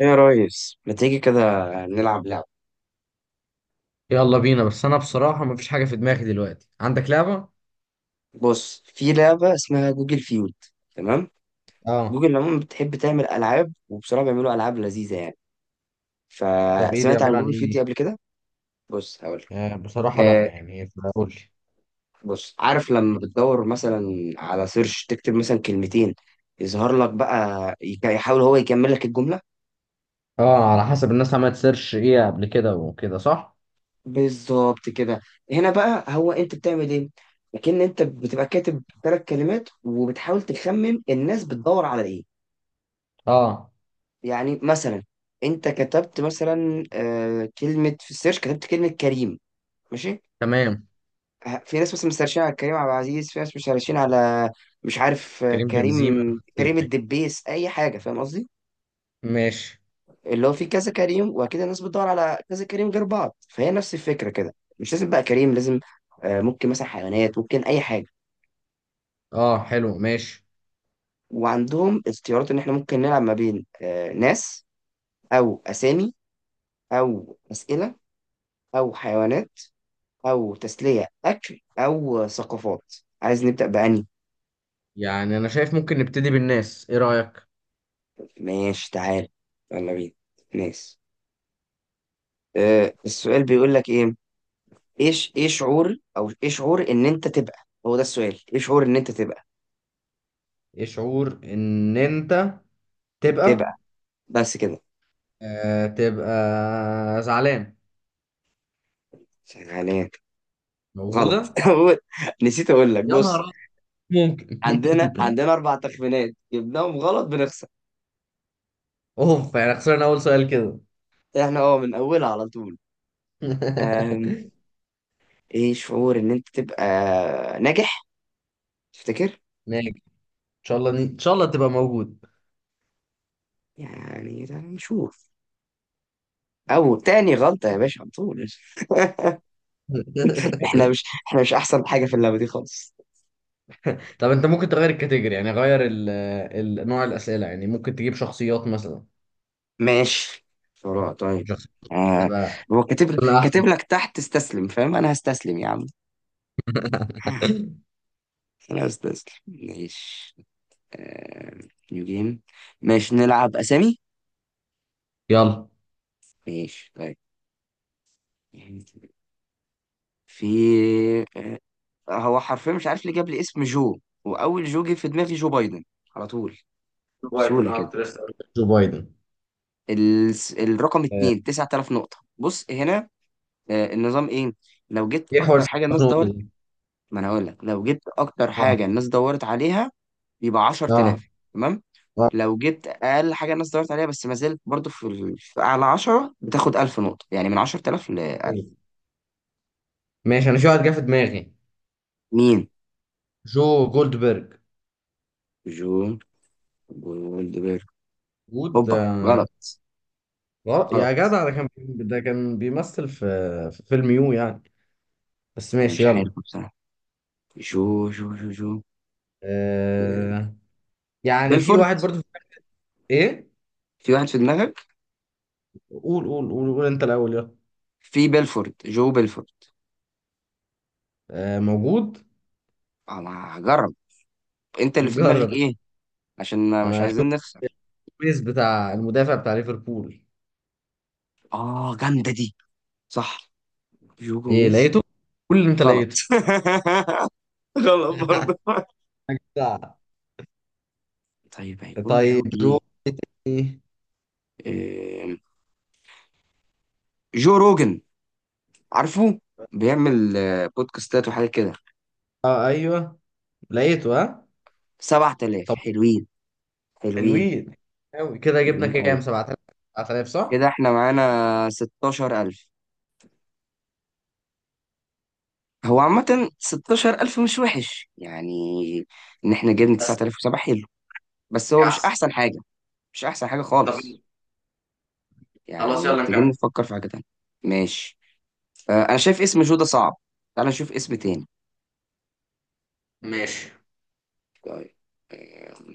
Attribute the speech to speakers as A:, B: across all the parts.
A: ايه يا ريس، ما تيجي كده نلعب لعبة؟
B: يلا بينا، بس انا بصراحة مفيش حاجة في دماغي دلوقتي. عندك لعبة؟
A: بص، في لعبة اسمها جوجل فيود. تمام.
B: اه.
A: جوجل عموما بتحب تعمل ألعاب، وبصراحة بيعملوا ألعاب لذيذة يعني.
B: طب ايه دي؟
A: فسمعت عن
B: عبارة عن
A: جوجل
B: ايه
A: فيود دي
B: دي؟
A: قبل كده. بص هقول لك.
B: آه بصراحة لا،
A: آه،
B: يعني قول لي.
A: بص عارف لما بتدور مثلا على سيرش تكتب مثلا كلمتين، يظهر لك بقى يحاول هو يكمل لك الجملة.
B: اه، على حسب الناس عملت سيرش ايه قبل كده وكده، صح؟
A: بالظبط كده. هنا بقى هو انت بتعمل ايه؟ لكن انت بتبقى كاتب ثلاث كلمات وبتحاول تخمن الناس بتدور على ايه.
B: اه
A: يعني مثلا انت كتبت مثلا كلمة في السيرش، كتبت كلمة كريم. ماشي.
B: تمام.
A: في ناس مثلا سيرشين على كريم عبد العزيز، في ناس مش سيرشين على، مش عارف،
B: كريم بنزيما.
A: كريم كريم
B: ايوه
A: الدبيس، اي حاجة، فاهم قصدي؟
B: ماشي.
A: اللي هو في كذا كريم وكده، الناس بتدور على كذا كريم غير بعض، فهي نفس الفكرة كده. مش لازم بقى كريم لازم، ممكن مثلا حيوانات، ممكن اي حاجة.
B: اه حلو ماشي.
A: وعندهم اختيارات ان احنا ممكن نلعب ما بين، ناس او اسامي او اسئلة او حيوانات او تسلية اكل او ثقافات. عايز نبدأ بأني؟
B: يعني انا شايف ممكن نبتدي بالناس، ايه رأيك؟
A: ماشي تعال، يلا بينا. ناس. أه، السؤال بيقول لك ايه؟ ايش، ايه شعور او ايه شعور ان انت تبقى. هو ده السؤال، ايه شعور ان انت تبقى،
B: ايه شعور ان انت تبقى؟
A: تبقى. بس كده.
B: آه، تبقى زعلان.
A: عليك. غلط.
B: موجودة.
A: نسيت اقول لك.
B: يا نهار
A: بص،
B: أبيض.
A: عندنا
B: ممكن
A: عندنا اربع تخمينات، جبناهم غلط بنخسر.
B: اوف، يعني خسرنا اول سؤال كده.
A: احنا اه من اولها على طول. أم، ايه شعور ان انت تبقى ناجح، تفتكر؟
B: ماشي، ان شاء الله ان شاء الله تبقى موجود.
A: يعني ده نشوف. او تاني غلطة يا باشا على طول. احنا مش احنا مش احسن حاجة في اللعبة دي خالص.
B: طب انت ممكن تغير الكاتيجوري، يعني غير ال... ال... نوع الاسئله، يعني ممكن تجيب شخصيات مثلا.
A: ماشي، بسرعة طيب.
B: شخصيات.
A: آه.
B: تبقى
A: هو كاتب لك
B: ولا
A: كاتب
B: احسن.
A: لك تحت استسلم، فاهم؟ انا هستسلم يا عم. انا هستسلم، ماشي. آه. نيو جيم. ماشي نلعب اسامي.
B: يلا.
A: ماشي طيب. في، آه. هو حرفيا مش عارف ليه جاب لي اسم جو. واول جو جه في دماغي جو بايدن، على طول
B: جو بايدن،
A: بسهولة
B: اه
A: كده.
B: كنت لسه هقول لك جو بايدن.
A: ال... الرقم
B: آه،
A: اتنين 9000 نقطة. بص هنا، النظام ايه. لو جبت
B: ايه حوار
A: اكتر حاجه الناس
B: النقطه
A: دورت.
B: دي.
A: ما انا هقول لك، لو جبت اكتر حاجه
B: اه.
A: الناس دورت عليها يبقى
B: اه.
A: 10000. تمام.
B: اه.
A: لو جبت اقل حاجه الناس دورت عليها، بس ما زلت برضو في، في اعلى 10، بتاخد 1000 نقطه، يعني من 10000 ل 1000.
B: ايوه ماشي، انا في واحد جه في دماغي.
A: مين؟
B: جو جولدبرج.
A: جون جولدبرج.
B: جود
A: اوبا، غلط.
B: غلط.
A: غلط.
B: يا جدع، ده كان ده كان بيمثل في في فيلم يو يعني. بس
A: انا
B: ماشي
A: مش عارف
B: يلا.
A: بصراحه. جو، آه،
B: آه، يعني في
A: بيلفورد.
B: واحد برضو. ايه؟
A: في واحد في دماغك؟
B: قول انت الاول يلا.
A: في بيلفورد، جو بيلفورد.
B: آه موجود.
A: انا هجرب. انت اللي في دماغك
B: جرب.
A: ايه؟ عشان مش
B: انا شفت
A: عايزين نخسر.
B: البيس بتاع المدافع بتاع ليفربول.
A: اه جامدة دي، صح. جو
B: ايه
A: جوميز.
B: لقيته؟ قول اللي انت
A: غلط.
B: لقيته.
A: غلط برضه.
B: بتاع.
A: طيب هيكون
B: طيب
A: جو ايه؟
B: جو إيه؟ تاني؟
A: آم، جو روجن، عارفه؟ بيعمل بودكاستات وحاجات كده.
B: اه ايوه لقيته، ها.
A: 7000،
B: طب.
A: حلوين، حلوين.
B: حلوين قوي كده، جبنا
A: حلوين قوي.
B: كام؟ 7000؟ 7000 صح.
A: كده احنا معانا 16000. هو عامة 16000 مش وحش يعني، ان احنا جبنا
B: بس
A: 9007، حلو. بس هو
B: يا
A: مش
B: احسن.
A: احسن حاجة. مش احسن حاجة
B: طب
A: خالص.
B: خلاص
A: يعني
B: يلا
A: محتاجين
B: نكمل
A: نفكر في حاجة تانية. ماشي. انا شايف اسم جودة صعب. تعال نشوف اسم تاني.
B: ماشي.
A: طيب. آه،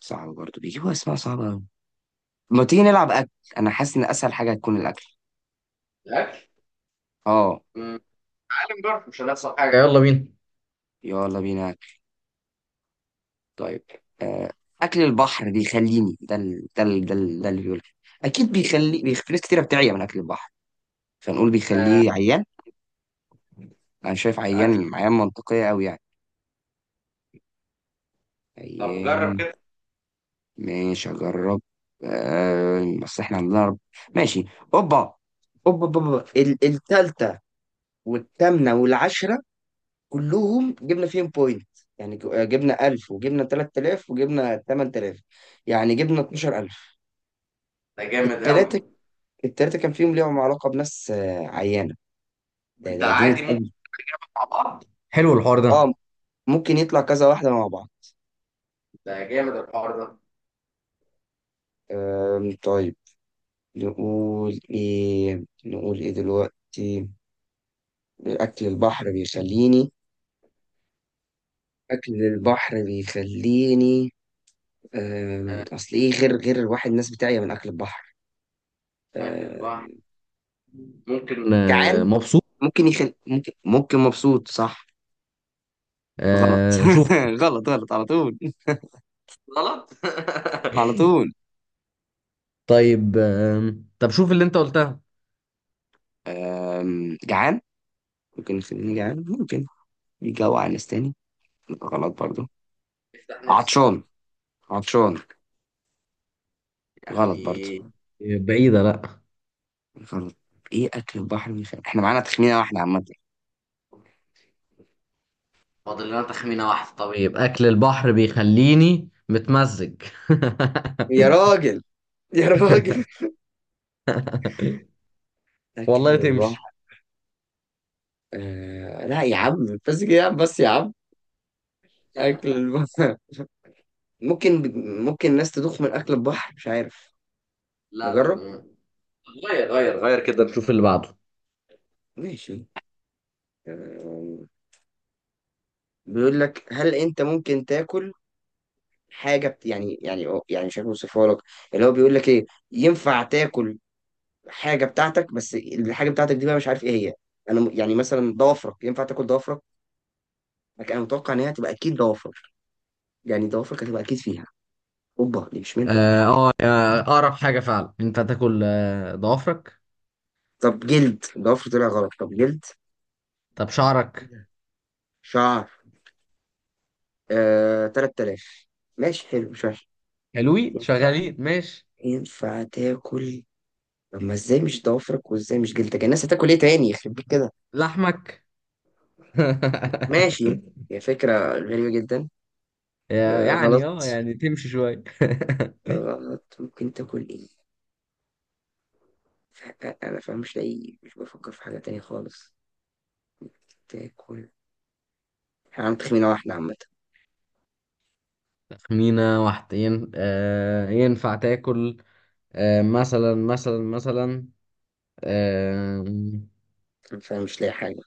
A: صعب برضه، بيجيبوا اسماء صعبة أوي. ما تيجي نلعب اكل؟ انا حاسس ان اسهل حاجة هتكون الاكل.
B: الاكل.
A: اه،
B: أمم، تعالى نجرب، مش هنخسر حاجه، يلا بينا
A: يلا بينا اكل. طيب. آه، اكل البحر بيخليني. ده ده اللي بيقول. اكيد بيخلي. في ناس كتيرة بتعيا من اكل البحر، فنقول بيخليه عيان. انا شايف
B: اكل.
A: عيان، عيان منطقية أوي يعني.
B: طب جرب
A: عيان.
B: كده.
A: ماشي اجرب. بس احنا عندنا رب. ماشي. اوبا. اوبا اوبا أوبا. التلج والثامنة والعشرة، كلهم جبنا فيهم بوينت. يعني جبنا 1000 وجبنا 3000 وجبنا 8000، يعني جبنا 12000.
B: ده جامد قوي.
A: التلاتة، التلاتة كان فيهم ليهم علاقة بناس عيانة. ده
B: انت
A: ده جامد
B: عادي
A: قوي.
B: مع بعض. حلو الحوار ده.
A: اه، ممكن يطلع كذا واحدة مع بعض.
B: ده جامد الحوار ده.
A: طيب، نقول ايه، نقول ايه دلوقتي؟ اكل البحر بيخليني. اكل البحر بيخليني.
B: آه،
A: اصل ايه، غير الواحد الناس بتاعي من اكل البحر.
B: أكل البحر
A: آم،
B: ممكن آه،
A: جعان.
B: مبسوط.
A: ممكن يخل ممكن ممكن مبسوط، صح؟ غلط.
B: آه شوف.
A: غلط، غلط على طول.
B: غلط
A: على طول.
B: طيب آه طب شوف اللي انت قلتها.
A: جعان. ممكن يخليني جعان، ممكن يجوع ناس تاني. غلط برضو.
B: افتح
A: عطشان.
B: نفسك
A: عطشان. غلط برضو.
B: يعني. بعيدة لا.
A: غلط. ايه اكل البحر بيخلي، احنا معانا تخمينه واحده عامه.
B: فاضل لنا تخمينة واحدة. طب طيب أكل البحر بيخليني متمزج.
A: يا راجل، يا راجل. اكل
B: والله تمشي.
A: البحر. لا يا عم، بس كده يا عم، بس يا عم. اكل
B: لا
A: البحر ممكن، ممكن الناس تدوخ من اكل البحر، مش عارف.
B: لا
A: نجرب.
B: لا. غير غير غير كده نشوف اللي بعده.
A: ماشي. آه... بيقول لك هل انت ممكن تاكل حاجه يعني، يعني يعني مش عارف اوصفها لك. اللي هو بيقول لك ايه، ينفع تاكل حاجه بتاعتك، بس الحاجه بتاعتك دي بقى مش عارف ايه هي. انا يعني مثلا ضوافرك، ينفع تاكل ضوافرك؟ لكن انا متوقع ان هي هتبقى اكيد ضوافر، يعني ضوافرك هتبقى اكيد فيها. اوبا، دي مش منها.
B: اه آه، آه، أقرب حاجة فعلا أنت هتاكل آه، ضوافرك.
A: طب جلد. ضوافر طلع غلط. طب جلد.
B: طب
A: إيه
B: شعرك.
A: ده؟ شعر. آه، 3000، ماشي حلو، مش وحش.
B: حلوين
A: ينفع،
B: شغالين ماشي.
A: ينفع تاكل. طب ما ازاي مش ضوافرك وازاي مش جلدك، يعني الناس هتاكل ايه تاني، يخرب بيت كده.
B: لحمك.
A: ماشي، هي فكرة غريبة جدا.
B: يا-
A: آه
B: يعني
A: غلط.
B: اه يعني تمشي شوية.
A: غلط. ممكن تاكل ايه؟ انا فاهم مش لاقي، مش بفكر في حاجة تانية خالص. تاكل. احنا عم تخمينة واحدة عامة.
B: تخمينة واحدة ين... آه ينفع تاكل آه مثلا مثلا مثلا آه.
A: أنا فاهم مش لاقي حاجة،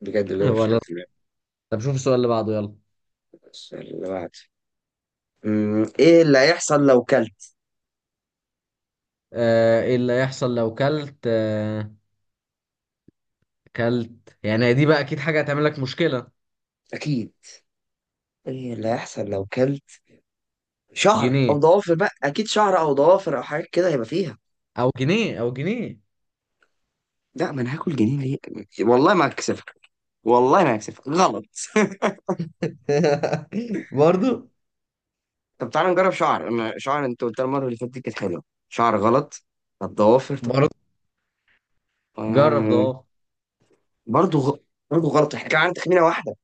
A: بجد والله مش حاجة
B: ولا.
A: في بالي.
B: طب شوف السؤال اللي بعده يلا.
A: السؤال اللي بعده. ايه اللي هيحصل لو كلت؟
B: آه ايه اللي هيحصل لو كلت آه كلت؟ يعني هي دي بقى اكيد حاجة هتعمل لك مشكلة.
A: اكيد. ايه اللي هيحصل لو كلت شعر او
B: جنيه،
A: ضوافر بقى، اكيد شعر او ضوافر او حاجات كده هيبقى فيها.
B: او جنيه او جنيه.
A: لا، ما انا هاكل جنين ليه؟ والله ما هكسفك. والله ما هكسفك. غلط.
B: برضو.
A: طب تعالى نجرب شعر، انا شعر انت قلت المره اللي فاتت دي كانت حلوه. شعر، غلط. طب ضوافر. طيب.
B: برضو. جرب
A: آه...
B: ده.
A: برضه غ... برضه غلط. احنا كان عندنا تخمينه واحده.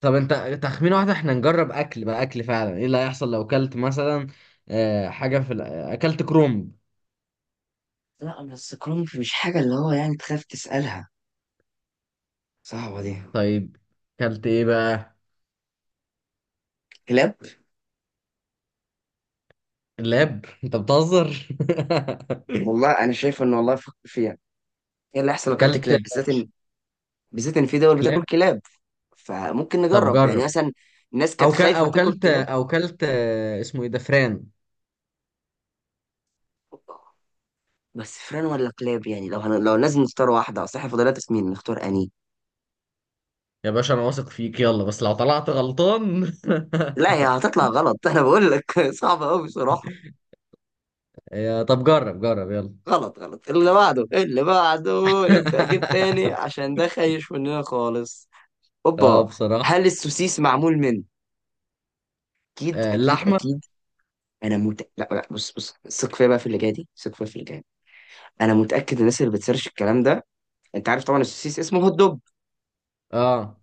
B: طب انت. تخمين واحدة، احنا نجرب اكل بقى، اكل فعلا. ايه اللي هيحصل لو اكلت مثلا آه، حاجة في ال- اكلت كرومب؟
A: لا بس كرنب مش حاجه اللي هو يعني تخاف تسالها، صعبه دي.
B: طيب. اكلت ايه بقى؟
A: كلاب.
B: لاب انت بتهزر
A: والله انا شايف ان، والله فكر فيها. ايه اللي احسن لو اكلت
B: اكلت
A: كلاب، بالذات ان، بالذات ان في دول بتاكل
B: كلاب.
A: كلاب، فممكن
B: طب
A: نجرب يعني
B: جرب.
A: مثلا. الناس كانت
B: او ك...
A: خايفه
B: او
A: تاكل
B: كلت
A: كلاب.
B: او كلت آه، اسمه ايه ده؟ فران.
A: بس فران ولا كلاب يعني، لو لو لازم نختار واحده، اصل احنا فضلنا تسمين نختار اني.
B: يا باشا انا واثق فيك، يلا، بس لو طلعت غلطان.
A: لا هي هتطلع غلط. انا بقول لك. صعبه قوي بصراحه.
B: يا طب جرب جرب يلا.
A: غلط. غلط. اللي بعده، اللي بعده. نبدا اجيب تاني عشان ده خايش مننا خالص.
B: اه
A: اوبا.
B: بصراحة.
A: هل السوسيس معمول من، اكيد،
B: آه،
A: اكيد،
B: اللحمة.
A: اكيد. لا لا، بص ثق فيا بقى في اللي جاي دي، ثق فيا في اللي جاي. انا متاكد الناس اللي بتسيرش الكلام ده، انت عارف طبعا السوسيس اسمه هوت دوج،
B: اه،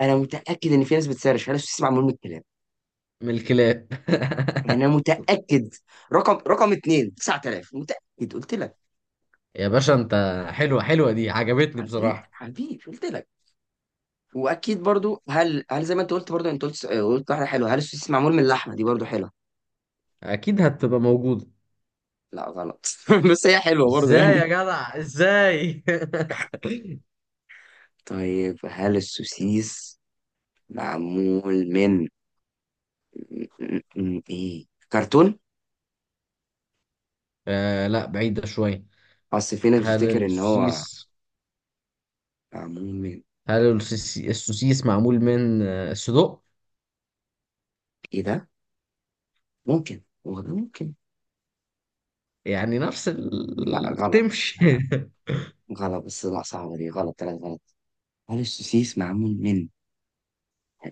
A: انا متاكد ان في ناس بتسيرش هل السوسيس معمول من الكلام.
B: من الكلاب
A: انا متاكد. رقم اتنين 9000، متاكد قلت لك.
B: يا باشا انت. حلوة حلوة دي، عجبتني
A: حبيبي
B: بصراحة.
A: حبيبي قلت لك. واكيد برضو هل زي ما انت قلت، برضو انت قلت قلت واحده حلوه، هل السوسيس معمول من اللحمه، دي برضو حلوه.
B: اكيد هتبقى موجودة.
A: لا غلط. بس هي حلوه برضو
B: ازاي يا
A: يعني.
B: جدع ازاي؟
A: طيب هل السوسيس معمول من، ايه، كرتون؟
B: آه لا بعيدة شوية.
A: اصل في ناس
B: هل
A: بتفتكر ان هو
B: السوسيس،
A: معمول من
B: السوسيس معمول من آه، صدق؟
A: ايه ده، ممكن هو ده، ممكن.
B: يعني نفس
A: لا
B: ال...
A: غلط.
B: تمشي.
A: غلط. بس لا، صعبه دي. غلط، ثلاث غلط. هل السوسيس معمول من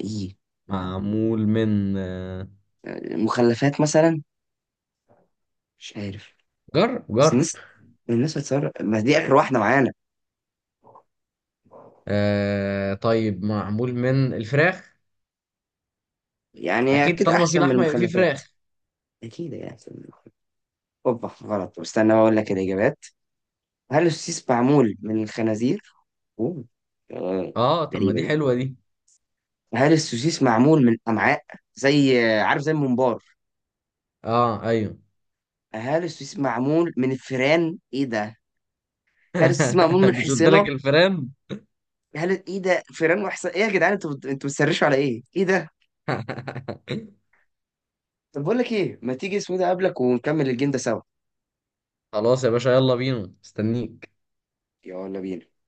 A: ايه؟
B: معمول من آه،
A: مخلفات مثلا، مش عارف.
B: جر
A: بس
B: جر.
A: الناس هتصر، ما دي اخر واحده معانا.
B: آه طيب معمول من الفراخ.
A: يعني هي
B: اكيد،
A: اكيد
B: طالما في
A: احسن من
B: لحمة يبقى في
A: المخلفات.
B: فراخ.
A: اكيد هي احسن من المخلفات. اوبا غلط، واستنى بقول لك الاجابات. هل السوسيس معمول من الخنازير. اوه. آه،
B: اه طب ما
A: غريبه
B: دي
A: دي.
B: حلوة دي.
A: هل السوسيس معمول من امعاء، زي عارف زي الممبار.
B: اه ايوه.
A: هل السوسيس معمول من الفيران، ايه ده؟ هل السوسيس معمول من
B: مش قلت لك
A: حصينه.
B: الفيران.
A: هل ايه ده، فيران وحصان ايه يا جدعان، انتوا بتسرشوا على ايه، ايه ده؟ طب بقول لك ايه، ما تيجي اسمه ده قبلك ونكمل الجيم ده سوا.
B: خلاص يا باشا يلا بينا، استنيك.
A: يلا بينا.